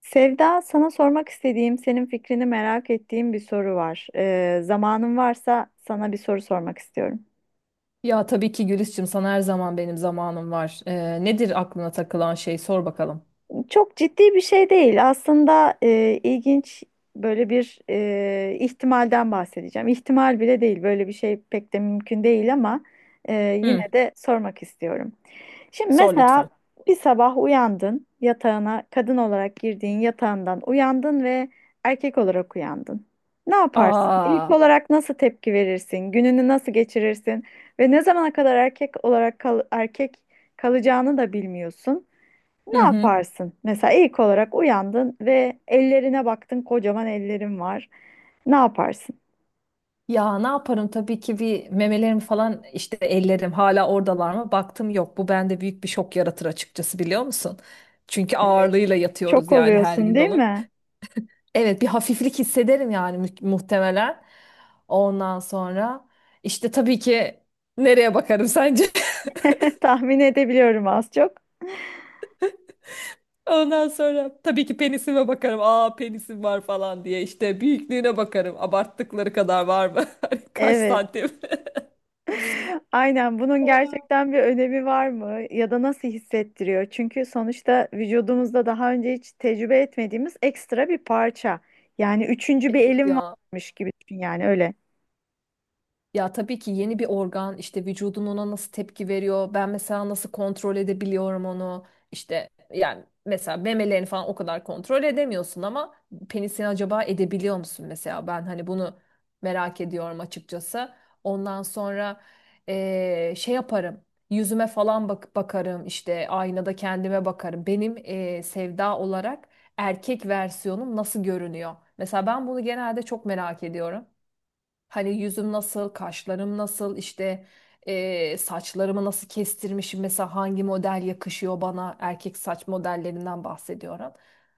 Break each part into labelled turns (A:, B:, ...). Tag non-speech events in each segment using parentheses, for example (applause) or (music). A: Sevda, sana sormak istediğim, senin fikrini merak ettiğim bir soru var. Zamanın varsa sana bir soru sormak istiyorum.
B: Ya tabii ki Gülis'cim sana her zaman benim zamanım var. Nedir aklına takılan şey sor bakalım.
A: Çok ciddi bir şey değil. Aslında ilginç böyle bir ihtimalden bahsedeceğim. İhtimal bile değil. Böyle bir şey pek de mümkün değil ama e, yine
B: Hı,
A: de sormak istiyorum. Şimdi
B: Sor
A: mesela
B: lütfen.
A: bir sabah uyandın yatağına kadın olarak girdiğin yatağından uyandın ve erkek olarak uyandın. Ne yaparsın? İlk
B: Aa,
A: olarak nasıl tepki verirsin? Gününü nasıl geçirirsin? Ve ne zamana kadar erkek olarak erkek kalacağını da bilmiyorsun. Ne
B: hı hı.
A: yaparsın? Mesela ilk olarak uyandın ve ellerine baktın, kocaman ellerin var. Ne yaparsın?
B: Ya ne yaparım, tabii ki. Bir memelerim falan, işte ellerim hala oradalar mı? Baktım, yok. Bu bende büyük bir şok yaratır açıkçası, biliyor musun? Çünkü
A: Evet.
B: ağırlığıyla yatıyoruz
A: Şok
B: yani her
A: oluyorsun,
B: gün
A: değil
B: onun.
A: mi?
B: Evet, bir hafiflik hissederim yani muhtemelen. Ondan sonra işte tabii ki nereye bakarım sence? (laughs)
A: (laughs) Tahmin edebiliyorum az çok.
B: Ondan sonra tabii ki penisime bakarım. Aa, penisim var falan diye işte büyüklüğüne bakarım. Abarttıkları kadar var mı? (laughs) Hani, kaç
A: Evet.
B: santim?
A: Aynen, bunun
B: (laughs)
A: gerçekten bir önemi var mı ya da nasıl hissettiriyor? Çünkü sonuçta vücudumuzda daha önce hiç tecrübe etmediğimiz ekstra bir parça. Yani üçüncü bir
B: Evet
A: elim
B: ya.
A: varmış gibi düşün yani öyle.
B: Ya tabii ki yeni bir organ, işte vücudun ona nasıl tepki veriyor. Ben mesela nasıl kontrol edebiliyorum onu. İşte yani mesela memelerini falan o kadar kontrol edemiyorsun ama penisini acaba edebiliyor musun mesela? Ben hani bunu merak ediyorum açıkçası. Ondan sonra şey yaparım. Yüzüme falan bakarım, işte aynada kendime bakarım. Benim sevda olarak erkek versiyonum nasıl görünüyor? Mesela ben bunu genelde çok merak ediyorum. Hani yüzüm nasıl, kaşlarım nasıl, işte saçlarımı nasıl kestirmişim, mesela hangi model yakışıyor bana, erkek saç modellerinden bahsediyorum.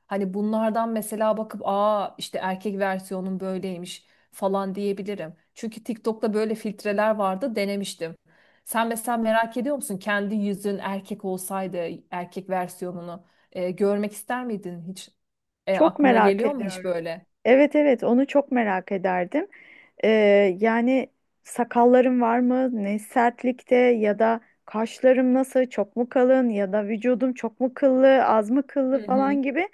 B: Hani bunlardan mesela bakıp, aa işte erkek versiyonun böyleymiş falan diyebilirim. Çünkü TikTok'ta böyle filtreler vardı, denemiştim. Sen mesela merak ediyor musun, kendi yüzün erkek olsaydı erkek versiyonunu görmek ister miydin hiç?
A: Çok
B: Aklına
A: merak
B: geliyor mu hiç
A: ediyorum.
B: böyle?
A: Evet, evet, onu çok merak ederdim. Ee, Yani sakallarım var mı? Ne sertlikte ya da kaşlarım nasıl? Çok mu kalın ya da vücudum çok mu kıllı, az mı
B: Hı
A: kıllı
B: hı.
A: falan gibi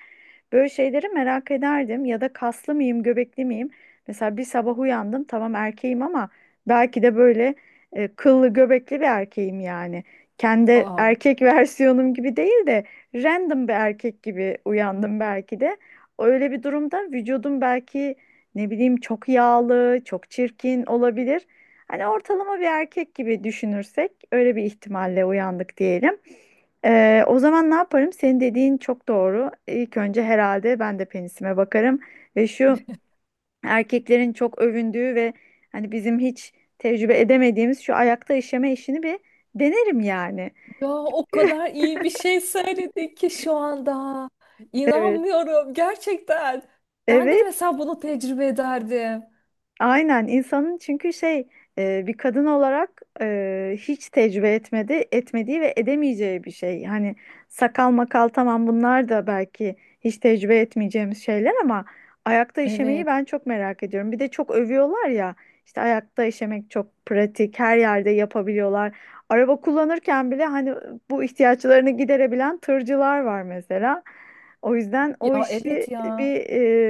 A: böyle şeyleri merak ederdim. Ya da kaslı mıyım, göbekli miyim? Mesela bir sabah uyandım, tamam, erkeğim ama belki de böyle kıllı göbekli bir erkeğim yani. Kendi
B: Aa.
A: erkek (laughs) versiyonum gibi değil de random bir erkek gibi uyandım belki de. Öyle bir durumda vücudum belki ne bileyim çok yağlı, çok çirkin olabilir. Hani ortalama bir erkek gibi düşünürsek öyle bir ihtimalle uyandık diyelim. O zaman ne yaparım? Senin dediğin çok doğru. İlk önce herhalde ben de penisime bakarım ve şu erkeklerin çok övündüğü ve hani bizim hiç tecrübe edemediğimiz şu ayakta işeme işini bir denerim yani.
B: Ya o kadar iyi bir şey söyledin ki şu anda.
A: Evet.
B: İnanmıyorum gerçekten. Ben de
A: Evet.
B: mesela bunu tecrübe ederdim.
A: Aynen, insanın çünkü şey, bir kadın olarak hiç tecrübe etmediği ve edemeyeceği bir şey. Hani sakal makal, tamam, bunlar da belki hiç tecrübe etmeyeceğimiz şeyler ama ayakta işemeyi
B: Evet.
A: ben çok merak ediyorum. Bir de çok övüyorlar ya, işte ayakta işemek çok pratik, her yerde yapabiliyorlar. Araba kullanırken bile hani bu ihtiyaçlarını giderebilen tırcılar var mesela. O yüzden o
B: Ya
A: işi
B: evet ya.
A: bir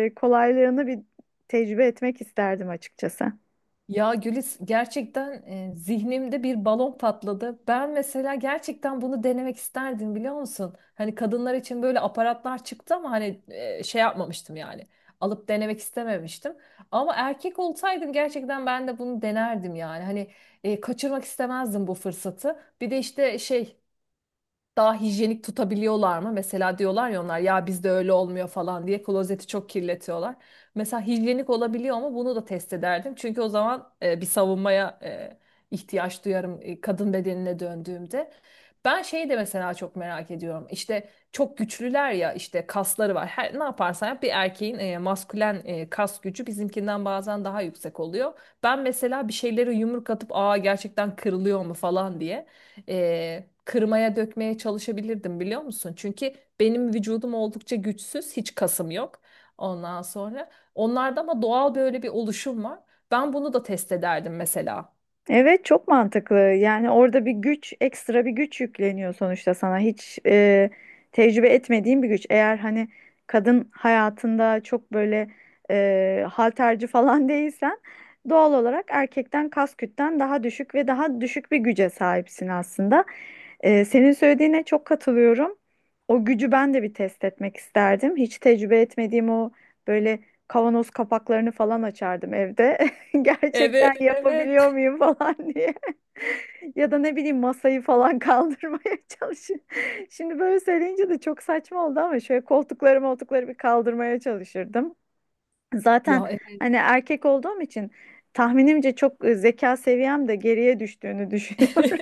A: kolaylığını bir tecrübe etmek isterdim açıkçası.
B: Ya Gülis, gerçekten zihnimde bir balon patladı. Ben mesela gerçekten bunu denemek isterdim, biliyor musun? Hani kadınlar için böyle aparatlar çıktı ama hani şey yapmamıştım yani. Alıp denemek istememiştim. Ama erkek olsaydım gerçekten ben de bunu denerdim yani. Hani kaçırmak istemezdim bu fırsatı. Bir de işte şey, daha hijyenik tutabiliyorlar mı? Mesela diyorlar ya, onlar ya bizde öyle olmuyor falan diye klozeti çok kirletiyorlar. Mesela hijyenik olabiliyor mu? Bunu da test ederdim. Çünkü o zaman bir savunmaya ihtiyaç duyarım kadın bedenine döndüğümde. Ben şeyi de mesela çok merak ediyorum. İşte çok güçlüler ya, işte kasları var. Her, ne yaparsan yap bir erkeğin maskülen kas gücü bizimkinden bazen daha yüksek oluyor. Ben mesela bir şeyleri yumruk atıp aa gerçekten kırılıyor mu falan diye kırmaya dökmeye çalışabilirdim, biliyor musun? Çünkü benim vücudum oldukça güçsüz, hiç kasım yok. Ondan sonra onlarda ama doğal böyle bir oluşum var. Ben bunu da test ederdim mesela.
A: Evet, çok mantıklı. Yani orada bir güç, ekstra bir güç yükleniyor sonuçta sana. Hiç tecrübe etmediğin bir güç. Eğer hani kadın hayatında çok böyle halterci falan (laughs) değilsen doğal olarak erkekten kas kütlen daha düşük ve daha düşük bir güce sahipsin aslında. Senin söylediğine çok katılıyorum. O gücü ben de bir test etmek isterdim. Hiç tecrübe etmediğim o böyle kavanoz kapaklarını falan açardım evde. (laughs) Gerçekten
B: Evet, evet.
A: yapabiliyor muyum falan diye. (laughs) Ya da ne bileyim masayı falan kaldırmaya (laughs) çalışıyorum. Şimdi böyle söyleyince de çok saçma oldu ama şöyle koltukları moltukları bir kaldırmaya çalışırdım. Zaten
B: Ya evet.
A: hani erkek olduğum için tahminimce çok zeka seviyem de geriye düştüğünü düşünüyorum.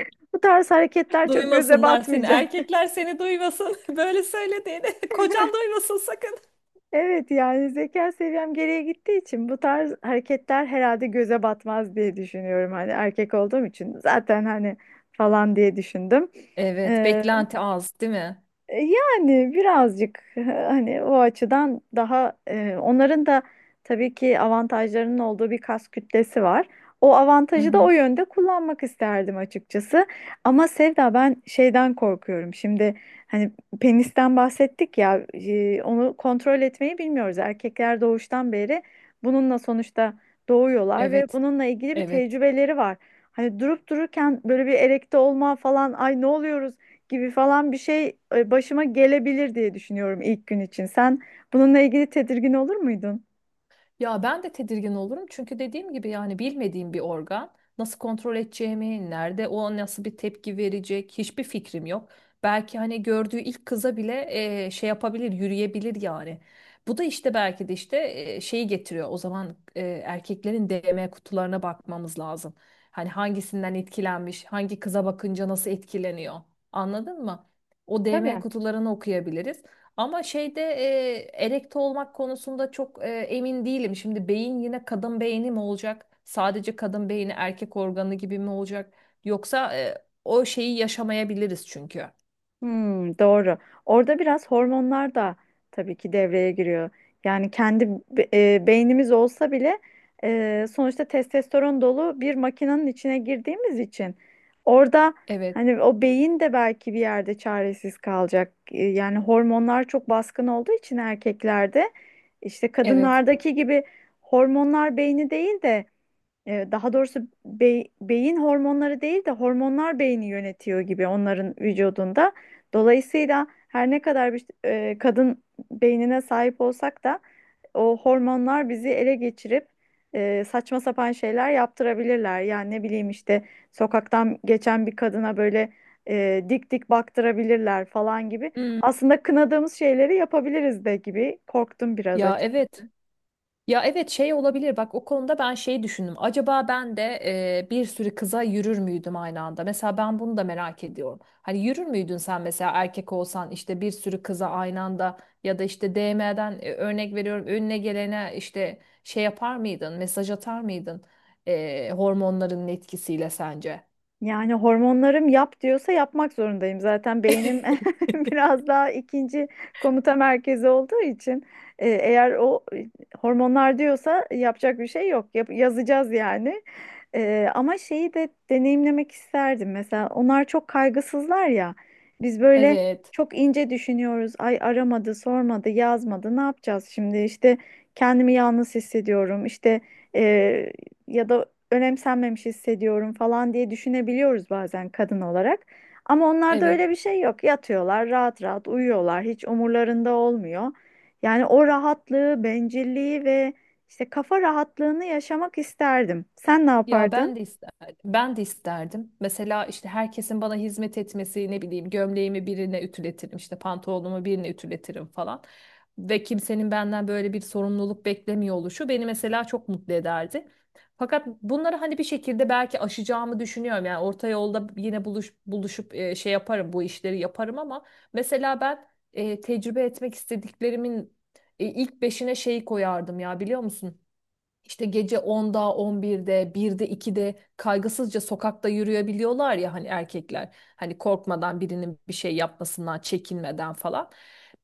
A: (laughs) Bu tarz
B: (laughs)
A: hareketler çok göze
B: Duymasınlar seni.
A: batmayacak.
B: Erkekler seni duymasın. (laughs) Böyle söylediğini. (laughs) Kocan duymasın sakın.
A: Evet, yani zeka seviyem geriye gittiği için bu tarz hareketler herhalde göze batmaz diye düşünüyorum. Hani erkek olduğum için zaten hani falan diye düşündüm.
B: Evet, beklenti az, değil mi?
A: Yani birazcık (laughs) hani o açıdan daha onların da tabii ki avantajlarının olduğu bir kas kütlesi var. O
B: Hı
A: avantajı da o
B: hı.
A: yönde kullanmak isterdim açıkçası. Ama Sevda, ben şeyden korkuyorum. Şimdi hani penisten bahsettik ya, onu kontrol etmeyi bilmiyoruz. Erkekler doğuştan beri bununla sonuçta doğuyorlar ve
B: Evet,
A: bununla ilgili bir
B: evet.
A: tecrübeleri var. Hani durup dururken böyle bir erekte olma falan, ay ne oluyoruz gibi falan bir şey başıma gelebilir diye düşünüyorum ilk gün için. Sen bununla ilgili tedirgin olur muydun?
B: Ya ben de tedirgin olurum çünkü dediğim gibi yani bilmediğim bir organ, nasıl kontrol edeceğimi, nerede o nasıl bir tepki verecek hiçbir fikrim yok. Belki hani gördüğü ilk kıza bile şey yapabilir, yürüyebilir yani. Bu da işte belki de işte şeyi getiriyor. O zaman erkeklerin DM kutularına bakmamız lazım. Hani hangisinden etkilenmiş, hangi kıza bakınca nasıl etkileniyor. Anladın mı? O DM
A: Tabii.
B: kutularını okuyabiliriz. Ama şeyde erekte olmak konusunda çok emin değilim. Şimdi beyin yine kadın beyni mi olacak? Sadece kadın beyni erkek organı gibi mi olacak? Yoksa o şeyi yaşamayabiliriz çünkü.
A: Hmm, doğru. Orada biraz hormonlar da tabii ki devreye giriyor. Yani kendi beynimiz olsa bile sonuçta testosteron dolu bir makinenin içine girdiğimiz için orada
B: Evet,
A: hani o beyin de belki bir yerde çaresiz kalacak. Yani hormonlar çok baskın olduğu için erkeklerde işte
B: evet.
A: kadınlardaki gibi hormonlar beyni değil de, daha doğrusu beyin hormonları değil de hormonlar beyni yönetiyor gibi onların vücudunda. Dolayısıyla her ne kadar bir kadın beynine sahip olsak da o hormonlar bizi ele geçirip saçma sapan şeyler yaptırabilirler. Yani ne bileyim işte sokaktan geçen bir kadına böyle dik dik baktırabilirler falan gibi.
B: Hmm.
A: Aslında kınadığımız şeyleri yapabiliriz de gibi korktum biraz
B: Ya evet.
A: açıkçası.
B: Ya evet, şey olabilir bak, o konuda ben şeyi düşündüm. Acaba ben de bir sürü kıza yürür müydüm aynı anda? Mesela ben bunu da merak ediyorum. Hani yürür müydün sen mesela erkek olsan işte bir sürü kıza aynı anda, ya da işte DM'den örnek veriyorum önüne gelene işte şey yapar mıydın? Mesaj atar mıydın? Hormonların etkisiyle sence?
A: Yani hormonlarım yap diyorsa yapmak zorundayım. Zaten beynim (laughs) biraz daha ikinci komuta merkezi olduğu için eğer o hormonlar diyorsa yapacak bir şey yok. Yazacağız yani. Ama şeyi de deneyimlemek isterdim. Mesela onlar çok kaygısızlar ya. Biz böyle
B: Evet.
A: çok ince düşünüyoruz. Ay aramadı, sormadı, yazmadı. Ne yapacağız şimdi? İşte kendimi yalnız hissediyorum. İşte, e, ya da önemsenmemiş hissediyorum falan diye düşünebiliyoruz bazen kadın olarak. Ama onlarda
B: Evet.
A: öyle bir şey yok. Yatıyorlar, rahat rahat uyuyorlar. Hiç umurlarında olmuyor. Yani o rahatlığı, bencilliği ve işte kafa rahatlığını yaşamak isterdim. Sen ne
B: Ya
A: yapardın?
B: ben de isterdim. Ben de isterdim. Mesela işte herkesin bana hizmet etmesi, ne bileyim, gömleğimi birine ütületirim, işte pantolonumu birine ütületirim falan. Ve kimsenin benden böyle bir sorumluluk beklemiyor oluşu beni mesela çok mutlu ederdi. Fakat bunları hani bir şekilde belki aşacağımı düşünüyorum. Yani orta yolda yine buluşup şey yaparım, bu işleri yaparım ama mesela ben tecrübe etmek istediklerimin ilk beşine şeyi koyardım ya, biliyor musun? İşte gece 10'da, birde 1'de, 2'de kaygısızca sokakta yürüyebiliyorlar ya, hani erkekler. Hani korkmadan birinin bir şey yapmasından, çekinmeden falan.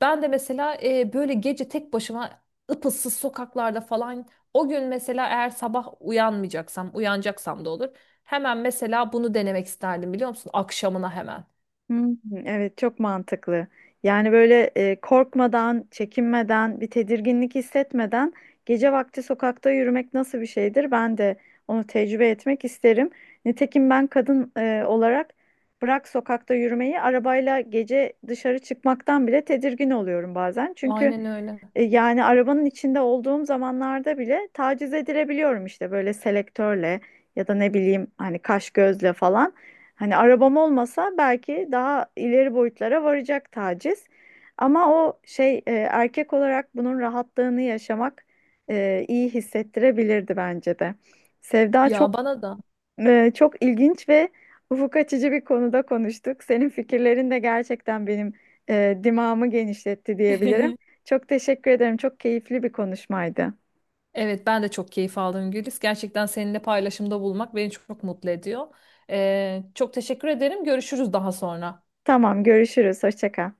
B: Ben de mesela böyle gece tek başıma ıpıssız sokaklarda falan, o gün mesela eğer sabah uyanmayacaksam, uyanacaksam da olur. Hemen mesela bunu denemek isterdim, biliyor musun? Akşamına hemen.
A: Hmm, evet, çok mantıklı. Yani böyle korkmadan, çekinmeden, bir tedirginlik hissetmeden gece vakti sokakta yürümek nasıl bir şeydir? Ben de onu tecrübe etmek isterim. Nitekim ben kadın olarak bırak sokakta yürümeyi, arabayla gece dışarı çıkmaktan bile tedirgin oluyorum bazen. Çünkü
B: Aynen öyle.
A: yani arabanın içinde olduğum zamanlarda bile taciz edilebiliyorum, işte böyle selektörle ya da ne bileyim hani kaş gözle falan. Hani arabam olmasa belki daha ileri boyutlara varacak taciz. Ama o şey, erkek olarak bunun rahatlığını yaşamak iyi hissettirebilirdi bence de. Sevda,
B: Ya
A: çok
B: bana da.
A: çok ilginç ve ufuk açıcı bir konuda konuştuk. Senin fikirlerin de gerçekten benim dimağımı genişletti diyebilirim.
B: (laughs)
A: Çok teşekkür ederim. Çok keyifli bir konuşmaydı.
B: Evet, ben de çok keyif aldım Gülis. Gerçekten seninle paylaşımda bulmak beni çok mutlu ediyor. Çok teşekkür ederim. Görüşürüz daha sonra.
A: Tamam, görüşürüz. Hoşça kal.